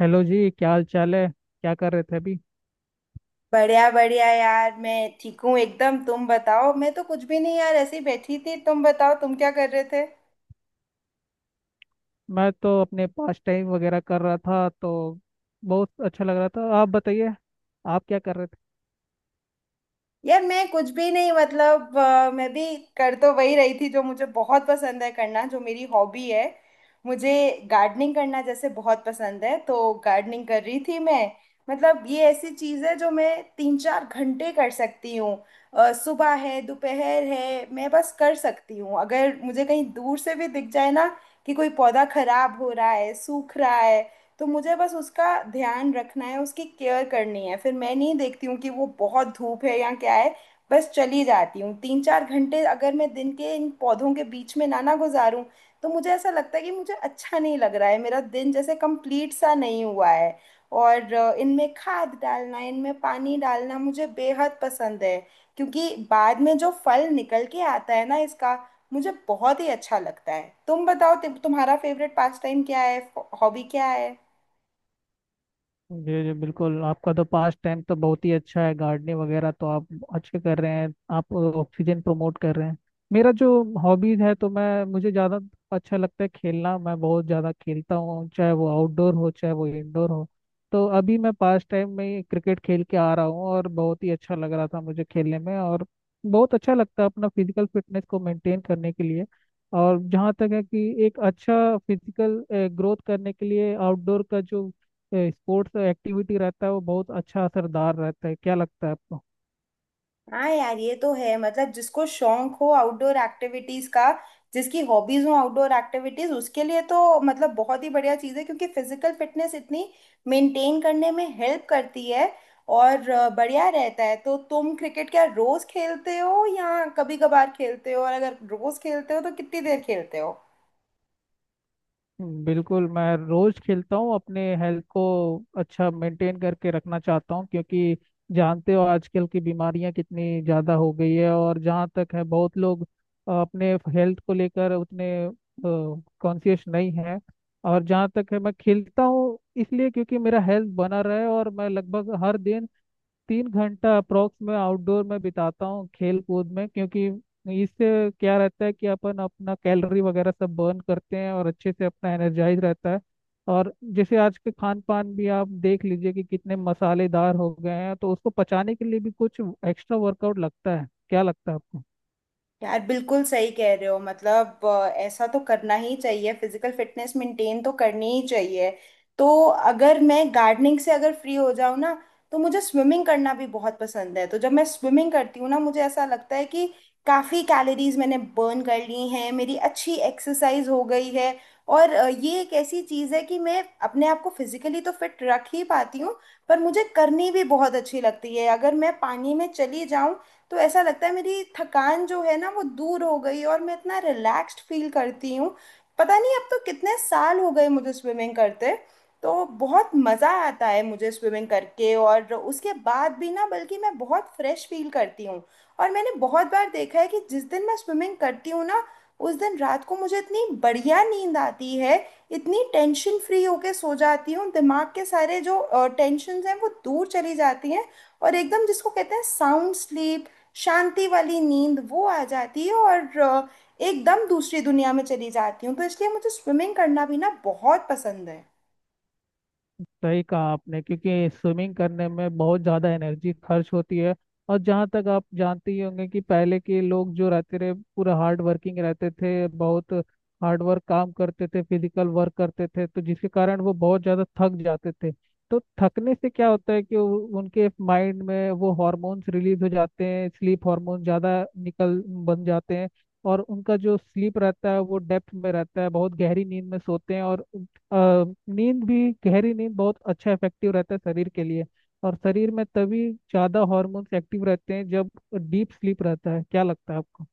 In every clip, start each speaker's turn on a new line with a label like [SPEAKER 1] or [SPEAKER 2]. [SPEAKER 1] Hello जी। क्या हाल चाल है? क्या कर रहे थे अभी?
[SPEAKER 2] बढ़िया बढ़िया यार मैं ठीक हूँ एकदम। तुम बताओ। मैं तो कुछ भी नहीं यार, ऐसे ही बैठी थी। तुम बताओ तुम क्या कर रहे थे।
[SPEAKER 1] मैं तो अपने पास टाइम वगैरह कर रहा था तो बहुत अच्छा लग रहा था। आप बताइए, आप क्या कर रहे।
[SPEAKER 2] यार मैं कुछ भी नहीं, मतलब मैं भी कर तो वही रही थी जो मुझे बहुत पसंद है करना, जो मेरी हॉबी है। मुझे गार्डनिंग करना जैसे बहुत पसंद है, तो गार्डनिंग कर रही थी मैं। मतलब ये ऐसी चीज़ है जो मैं तीन चार घंटे कर सकती हूँ। सुबह है दोपहर है, मैं बस कर सकती हूँ। अगर मुझे कहीं दूर से भी दिख जाए ना कि कोई पौधा खराब हो रहा है, सूख रहा है, तो मुझे बस उसका ध्यान रखना है, उसकी केयर करनी है। फिर मैं नहीं देखती हूँ कि वो बहुत धूप है या क्या है, बस चली जाती हूँ। तीन चार घंटे अगर मैं दिन के इन पौधों के बीच में ना ना गुजारूं, तो मुझे ऐसा लगता है कि मुझे अच्छा नहीं लग रहा है, मेरा दिन जैसे कंप्लीट सा नहीं हुआ है। और इनमें खाद डालना, इनमें पानी डालना मुझे बेहद पसंद है, क्योंकि बाद में जो फल निकल के आता है ना इसका, मुझे बहुत ही अच्छा लगता है। तुम बताओ तुम्हारा फेवरेट पास टाइम क्या है, हॉबी क्या है।
[SPEAKER 1] जी जी बिल्कुल, आपका तो पास्ट टाइम तो बहुत ही अच्छा है, गार्डनिंग वगैरह तो आप अच्छे कर रहे हैं। आप ऑक्सीजन प्रमोट कर रहे हैं। मेरा जो हॉबीज है तो मैं मुझे ज़्यादा अच्छा लगता है खेलना। मैं बहुत ज़्यादा खेलता हूँ, चाहे वो आउटडोर हो चाहे वो इंडोर हो। तो अभी मैं पास्ट टाइम में ही क्रिकेट खेल के आ रहा हूँ और बहुत ही अच्छा लग रहा था मुझे खेलने में। और बहुत अच्छा लगता है अपना फिजिकल फिटनेस को मेंटेन करने के लिए। और जहाँ तक है कि एक अच्छा फिजिकल ग्रोथ करने के लिए आउटडोर का जो स्पोर्ट्स एक्टिविटी रहता है वो बहुत अच्छा असरदार रहता है। क्या लगता है आपको?
[SPEAKER 2] हाँ यार ये तो है। मतलब जिसको शौक हो आउटडोर एक्टिविटीज का, जिसकी हॉबीज हो आउटडोर एक्टिविटीज, उसके लिए तो मतलब बहुत ही बढ़िया चीज है, क्योंकि फिजिकल फिटनेस इतनी मेंटेन करने में हेल्प करती है और बढ़िया रहता है। तो तुम क्रिकेट क्या रोज खेलते हो या कभी कभार खेलते हो? और अगर रोज खेलते हो तो कितनी देर खेलते हो?
[SPEAKER 1] बिल्कुल, मैं रोज खेलता हूँ। अपने हेल्थ को अच्छा मेंटेन करके रखना चाहता हूँ क्योंकि जानते हो आजकल की बीमारियां कितनी ज्यादा हो गई है। और जहाँ तक है बहुत लोग अपने हेल्थ को लेकर उतने कॉन्शियस नहीं है। और जहाँ तक है मैं खेलता हूँ इसलिए क्योंकि मेरा हेल्थ बना रहे। और मैं लगभग हर दिन 3 घंटा अप्रोक्स में आउटडोर में बिताता हूँ खेल कूद में, क्योंकि इससे क्या रहता है कि अपन अपना कैलोरी वगैरह सब बर्न करते हैं और अच्छे से अपना एनर्जाइज रहता है। और जैसे आज के खान पान भी आप देख लीजिए कि कितने मसालेदार हो गए हैं तो उसको पचाने के लिए भी कुछ एक्स्ट्रा वर्कआउट लगता है। क्या लगता है आपको?
[SPEAKER 2] यार बिल्कुल सही कह रहे हो। मतलब ऐसा तो करना ही चाहिए, फिजिकल फिटनेस मेंटेन तो करनी ही चाहिए। तो अगर मैं गार्डनिंग से अगर फ्री हो जाऊँ ना, तो मुझे स्विमिंग करना भी बहुत पसंद है। तो जब मैं स्विमिंग करती हूँ ना, मुझे ऐसा लगता है कि काफ़ी कैलोरीज मैंने बर्न कर ली हैं, मेरी अच्छी एक्सरसाइज हो गई है। और ये एक ऐसी चीज़ है कि मैं अपने आप को फिजिकली तो फिट रख ही पाती हूँ, पर मुझे करनी भी बहुत अच्छी लगती है। अगर मैं पानी में चली जाऊँ तो ऐसा लगता है मेरी थकान जो है ना वो दूर हो गई, और मैं इतना रिलैक्स्ड फील करती हूँ। पता नहीं अब तो कितने साल हो गए मुझे स्विमिंग करते। तो बहुत मज़ा आता है मुझे स्विमिंग करके, और उसके बाद भी ना बल्कि मैं बहुत फ्रेश फील करती हूँ। और मैंने बहुत बार देखा है कि जिस दिन मैं स्विमिंग करती हूँ ना, उस दिन रात को मुझे इतनी बढ़िया नींद आती है, इतनी टेंशन फ्री होके सो जाती हूँ, दिमाग के सारे जो टेंशन हैं वो दूर चली जाती हैं। और एकदम जिसको कहते हैं साउंड स्लीप, शांति वाली नींद वो आ जाती है, और एकदम दूसरी दुनिया में चली जाती हूँ। तो इसलिए मुझे स्विमिंग करना भी ना बहुत पसंद है।
[SPEAKER 1] सही कहा आपने क्योंकि स्विमिंग करने में बहुत ज़्यादा एनर्जी खर्च होती है। और जहाँ तक आप जानते ही होंगे कि पहले के लोग जो रहते रहे पूरा हार्ड वर्किंग रहते थे, बहुत हार्ड वर्क काम करते थे, फिजिकल वर्क करते थे, तो जिसके कारण वो बहुत ज़्यादा थक जाते थे। तो थकने से क्या होता है कि उनके माइंड में वो हार्मोन्स रिलीज हो जाते हैं, स्लीप हार्मोन ज़्यादा निकल बन जाते हैं। और उनका जो स्लीप रहता है वो डेप्थ में रहता है, बहुत गहरी नींद में सोते हैं। और अ, नींद भी, गहरी नींद बहुत अच्छा इफेक्टिव रहता है शरीर के लिए। और शरीर में तभी ज़्यादा हॉर्मोन्स एक्टिव रहते हैं जब डीप स्लीप रहता है। क्या लगता है आपको?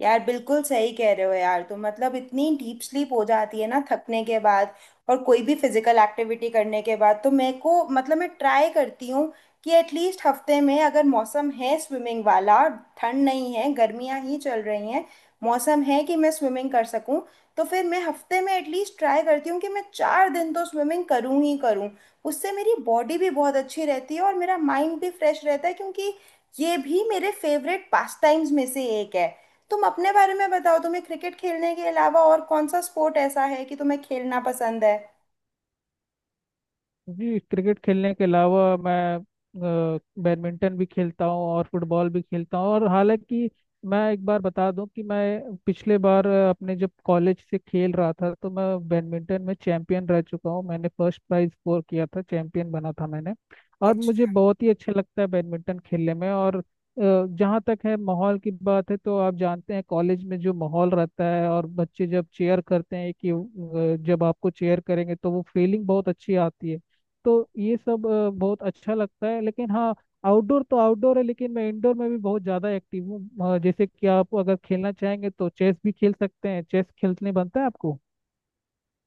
[SPEAKER 2] यार बिल्कुल सही कह रहे हो यार तुम। मतलब इतनी डीप स्लीप हो जाती है ना थकने के बाद और कोई भी फिजिकल एक्टिविटी करने के बाद। तो मेरे को, मतलब मैं ट्राई करती हूँ कि एटलीस्ट हफ्ते में, अगर मौसम है स्विमिंग वाला, ठंड नहीं है, गर्मियाँ ही चल रही हैं, मौसम है कि मैं स्विमिंग कर सकूँ, तो फिर मैं हफ्ते में एटलीस्ट ट्राई करती हूँ कि मैं 4 दिन तो स्विमिंग करूँ ही करूँ। उससे मेरी बॉडी भी बहुत अच्छी रहती है और मेरा माइंड भी फ्रेश रहता है, क्योंकि ये भी मेरे फेवरेट पास टाइम्स में से एक है। तुम अपने बारे में बताओ, तुम्हें क्रिकेट खेलने के अलावा और कौन सा स्पोर्ट ऐसा है कि तुम्हें खेलना पसंद है?
[SPEAKER 1] जी, क्रिकेट खेलने के अलावा मैं बैडमिंटन भी खेलता हूँ और फुटबॉल भी खेलता हूँ। और हालांकि मैं एक बार बता दूं कि मैं पिछले बार अपने जब कॉलेज से खेल रहा था तो मैं बैडमिंटन में चैंपियन रह चुका हूँ। मैंने फर्स्ट प्राइज स्कोर किया था, चैंपियन बना था मैंने। और मुझे बहुत ही अच्छा लगता है बैडमिंटन खेलने में। और जहाँ तक है माहौल की बात है तो आप जानते हैं कॉलेज में जो माहौल रहता है और बच्चे जब चेयर करते हैं कि जब आपको चेयर करेंगे तो वो फीलिंग बहुत अच्छी आती है। तो ये सब बहुत अच्छा लगता है। लेकिन हाँ, आउटडोर तो आउटडोर है लेकिन मैं इंडोर में भी बहुत ज़्यादा एक्टिव हूँ। जैसे कि आप अगर खेलना चाहेंगे तो चेस भी खेल सकते हैं। चेस खेलने बनता है आपको?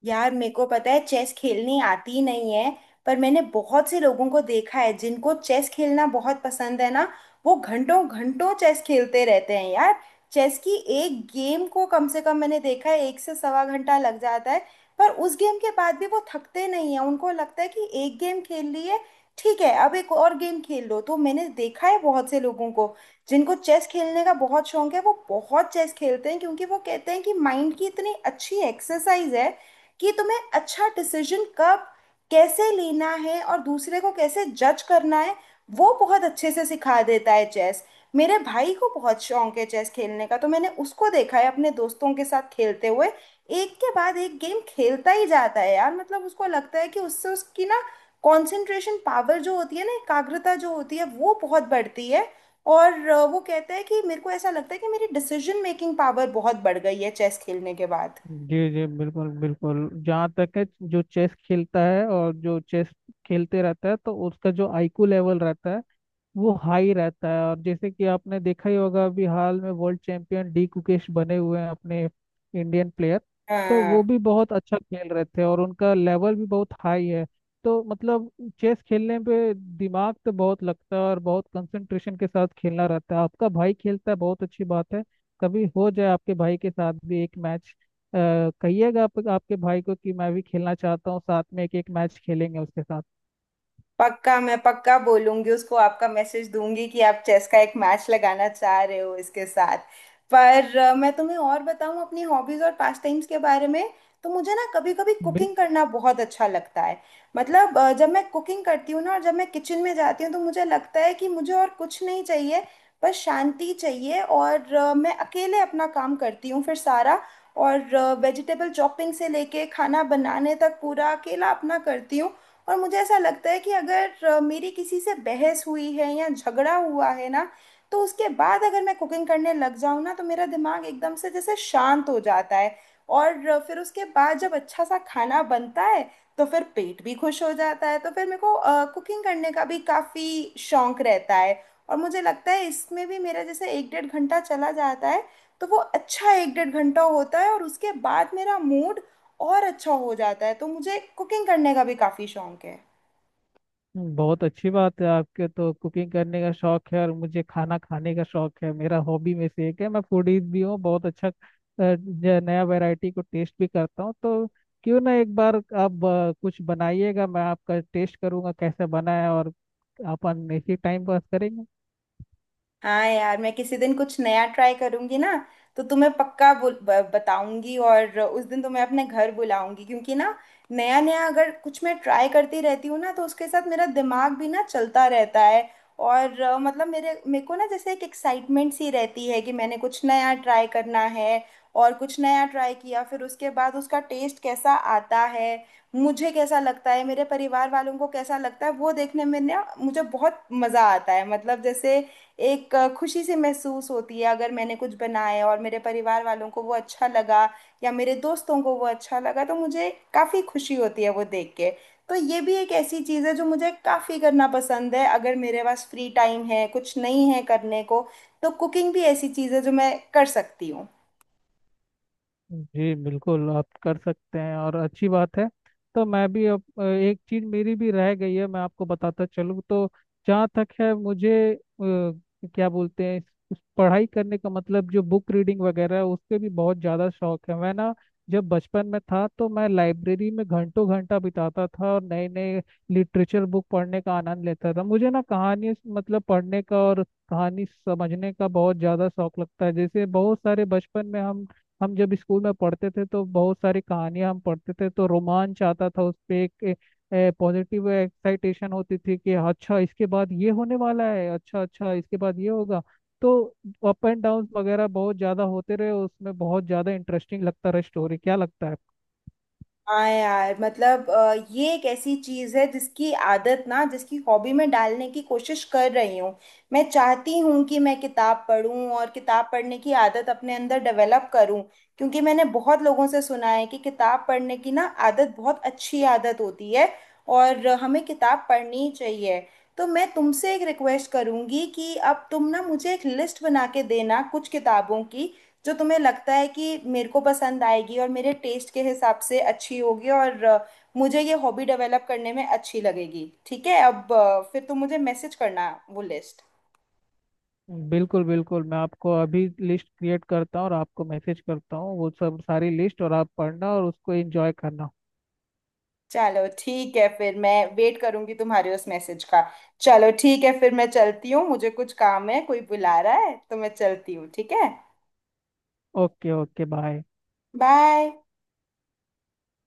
[SPEAKER 2] यार मेरे को पता है चेस खेलनी आती नहीं है, पर मैंने बहुत से लोगों को देखा है जिनको चेस खेलना बहुत पसंद है ना, वो घंटों घंटों चेस खेलते रहते हैं यार। चेस की एक गेम को कम से कम मैंने देखा है, एक से सवा घंटा लग जाता है। पर उस गेम के बाद भी वो थकते नहीं है, उनको लगता है कि एक गेम खेल ली है, ठीक है अब एक और गेम खेल लो। तो मैंने देखा है बहुत से लोगों को, जिनको चेस खेलने का बहुत शौक है, वो बहुत चेस खेलते हैं, क्योंकि वो कहते हैं कि माइंड की इतनी अच्छी एक्सरसाइज है कि तुम्हें अच्छा डिसीजन कब कैसे लेना है और दूसरे को कैसे जज करना है, वो बहुत अच्छे से सिखा देता है चेस। मेरे भाई को बहुत शौक है चेस खेलने का, तो मैंने उसको देखा है अपने दोस्तों के साथ खेलते हुए, एक के बाद एक गेम खेलता ही जाता है यार। मतलब उसको लगता है कि उससे उसकी ना कंसंट्रेशन पावर जो होती है ना, एकाग्रता जो होती है वो बहुत बढ़ती है। और वो कहता है कि मेरे को ऐसा लगता है कि मेरी डिसीजन मेकिंग पावर बहुत बढ़ गई है चेस खेलने के बाद।
[SPEAKER 1] जी जी बिल्कुल बिल्कुल, जहाँ तक है जो चेस खेलता है और जो चेस खेलते रहता है तो उसका जो आईक्यू लेवल रहता है वो हाई रहता है। और जैसे कि आपने देखा ही होगा, अभी हाल में वर्ल्ड चैंपियन डी कुकेश बने हुए हैं, अपने इंडियन प्लेयर। तो वो
[SPEAKER 2] हाँ।
[SPEAKER 1] भी बहुत अच्छा खेल रहे थे और उनका लेवल भी बहुत हाई है। तो मतलब चेस खेलने पे दिमाग तो बहुत लगता है और बहुत कंसंट्रेशन के साथ खेलना रहता है। आपका भाई खेलता है, बहुत अच्छी बात है। कभी हो जाए आपके भाई के साथ भी एक मैच। कहिएगा आप, आपके भाई को कि मैं भी खेलना चाहता हूँ साथ में, एक एक मैच खेलेंगे उसके साथ।
[SPEAKER 2] पक्का मैं, पक्का बोलूंगी उसको, आपका मैसेज दूंगी कि आप चेस का एक मैच लगाना चाह रहे हो इसके साथ। पर मैं तुम्हें और बताऊं अपनी हॉबीज और पास्ट टाइम्स के बारे में। तो मुझे ना कभी कभी
[SPEAKER 1] बिल-
[SPEAKER 2] कुकिंग करना बहुत अच्छा लगता है। मतलब जब मैं कुकिंग करती हूँ ना और जब मैं किचन में जाती हूँ, तो मुझे लगता है कि मुझे और कुछ नहीं चाहिए, बस शांति चाहिए। और मैं अकेले अपना काम करती हूँ फिर सारा, और वेजिटेबल चॉपिंग से लेके खाना बनाने तक पूरा अकेला अपना करती हूँ। और मुझे ऐसा लगता है कि अगर मेरी किसी से बहस हुई है या झगड़ा हुआ है ना, तो उसके बाद अगर मैं कुकिंग करने लग जाऊँ ना, तो मेरा दिमाग एकदम से जैसे शांत हो जाता है। और फिर उसके बाद जब अच्छा सा खाना बनता है, तो फिर पेट भी खुश हो जाता है। तो फिर मेरे को कुकिंग करने का भी काफ़ी शौक रहता है। और मुझे लगता है इसमें भी मेरा जैसे एक डेढ़ घंटा चला जाता है, तो वो अच्छा एक डेढ़ घंटा होता है, और उसके बाद मेरा मूड और अच्छा हो जाता है। तो मुझे कुकिंग करने का भी काफ़ी शौक है।
[SPEAKER 1] बहुत अच्छी बात है, आपके तो कुकिंग करने का शौक है और मुझे खाना खाने का शौक है। मेरा हॉबी में से एक है, मैं फूडीज भी हूँ, बहुत अच्छा। जो नया वैरायटी को टेस्ट भी करता हूँ। तो क्यों ना एक बार आप कुछ बनाइएगा, मैं आपका टेस्ट करूँगा कैसे बना है। और अपन इसी टाइम पास करेंगे।
[SPEAKER 2] हाँ यार मैं किसी दिन कुछ नया ट्राई करूंगी ना, तो तुम्हें पक्का बताऊंगी, और उस दिन तुम्हें अपने घर बुलाऊंगी, क्योंकि ना, नया नया अगर कुछ मैं ट्राई करती रहती हूँ ना, तो उसके साथ मेरा दिमाग भी ना चलता रहता है। और मतलब मेरे मेरे को ना जैसे एक एक्साइटमेंट सी रहती है, कि मैंने कुछ नया ट्राई करना है। और कुछ नया ट्राई किया, फिर उसके बाद उसका टेस्ट कैसा आता है, मुझे कैसा लगता है, मेरे परिवार वालों को कैसा लगता है, वो देखने में ना मुझे बहुत मज़ा आता है। मतलब जैसे एक खुशी सी महसूस होती है, अगर मैंने कुछ बनाया और मेरे परिवार वालों को वो अच्छा लगा या मेरे दोस्तों को वो अच्छा लगा, तो मुझे काफ़ी खुशी होती है वो देख के। तो ये भी एक ऐसी चीज़ है जो मुझे काफ़ी करना पसंद है। अगर मेरे पास फ्री टाइम है, कुछ नहीं है करने को, तो कुकिंग भी ऐसी चीज़ है जो मैं कर सकती हूँ।
[SPEAKER 1] जी बिल्कुल, आप कर सकते हैं और अच्छी बात है। तो मैं भी अब एक चीज मेरी भी रह गई है, मैं आपको बताता चलूँ। तो जहाँ तक है मुझे क्या बोलते हैं, इस पढ़ाई करने का मतलब जो बुक रीडिंग वगैरह है उसके भी बहुत ज़्यादा शौक है। मैं ना जब बचपन में था तो मैं लाइब्रेरी में घंटों घंटा बिताता था और नए नए लिटरेचर बुक पढ़ने का आनंद लेता था। मुझे ना कहानी मतलब पढ़ने का और कहानी समझने का बहुत ज़्यादा शौक लगता है। जैसे बहुत सारे बचपन में हम जब स्कूल में पढ़ते थे तो बहुत सारी कहानियां हम पढ़ते थे तो रोमांच आता था उस पे। एक पॉजिटिव एक्साइटेशन होती थी कि अच्छा इसके बाद ये होने वाला है, अच्छा अच्छा इसके बाद ये होगा। तो अप एंड डाउन वगैरह बहुत ज्यादा होते रहे उसमें, बहुत ज्यादा इंटरेस्टिंग लगता रहा स्टोरी। क्या लगता है आपको?
[SPEAKER 2] हाँ यार। मतलब ये एक ऐसी चीज है जिसकी आदत ना, जिसकी हॉबी में डालने की कोशिश कर रही हूँ। मैं चाहती हूँ कि मैं किताब पढूं और किताब पढ़ने की आदत अपने अंदर डेवलप करूँ, क्योंकि मैंने बहुत लोगों से सुना है कि किताब पढ़ने की ना आदत बहुत अच्छी आदत होती है, और हमें किताब पढ़नी ही चाहिए। तो मैं तुमसे एक रिक्वेस्ट करूंगी कि अब तुम ना मुझे एक लिस्ट बना के देना कुछ किताबों की, जो तुम्हें लगता है कि मेरे को पसंद आएगी और मेरे टेस्ट के हिसाब से अच्छी होगी, और मुझे ये हॉबी डेवलप करने में अच्छी लगेगी। ठीक है। अब फिर तुम मुझे मैसेज करना वो लिस्ट।
[SPEAKER 1] बिल्कुल बिल्कुल, मैं आपको अभी लिस्ट क्रिएट करता हूँ और आपको मैसेज करता हूँ वो सब सारी लिस्ट। और आप पढ़ना और उसको एंजॉय करना।
[SPEAKER 2] चलो ठीक है, फिर मैं वेट करूंगी तुम्हारे उस मैसेज का। चलो ठीक है, फिर मैं चलती हूँ, मुझे कुछ काम है, कोई बुला रहा है, तो मैं चलती हूँ। ठीक है।
[SPEAKER 1] Okay okay, bye.
[SPEAKER 2] बाय।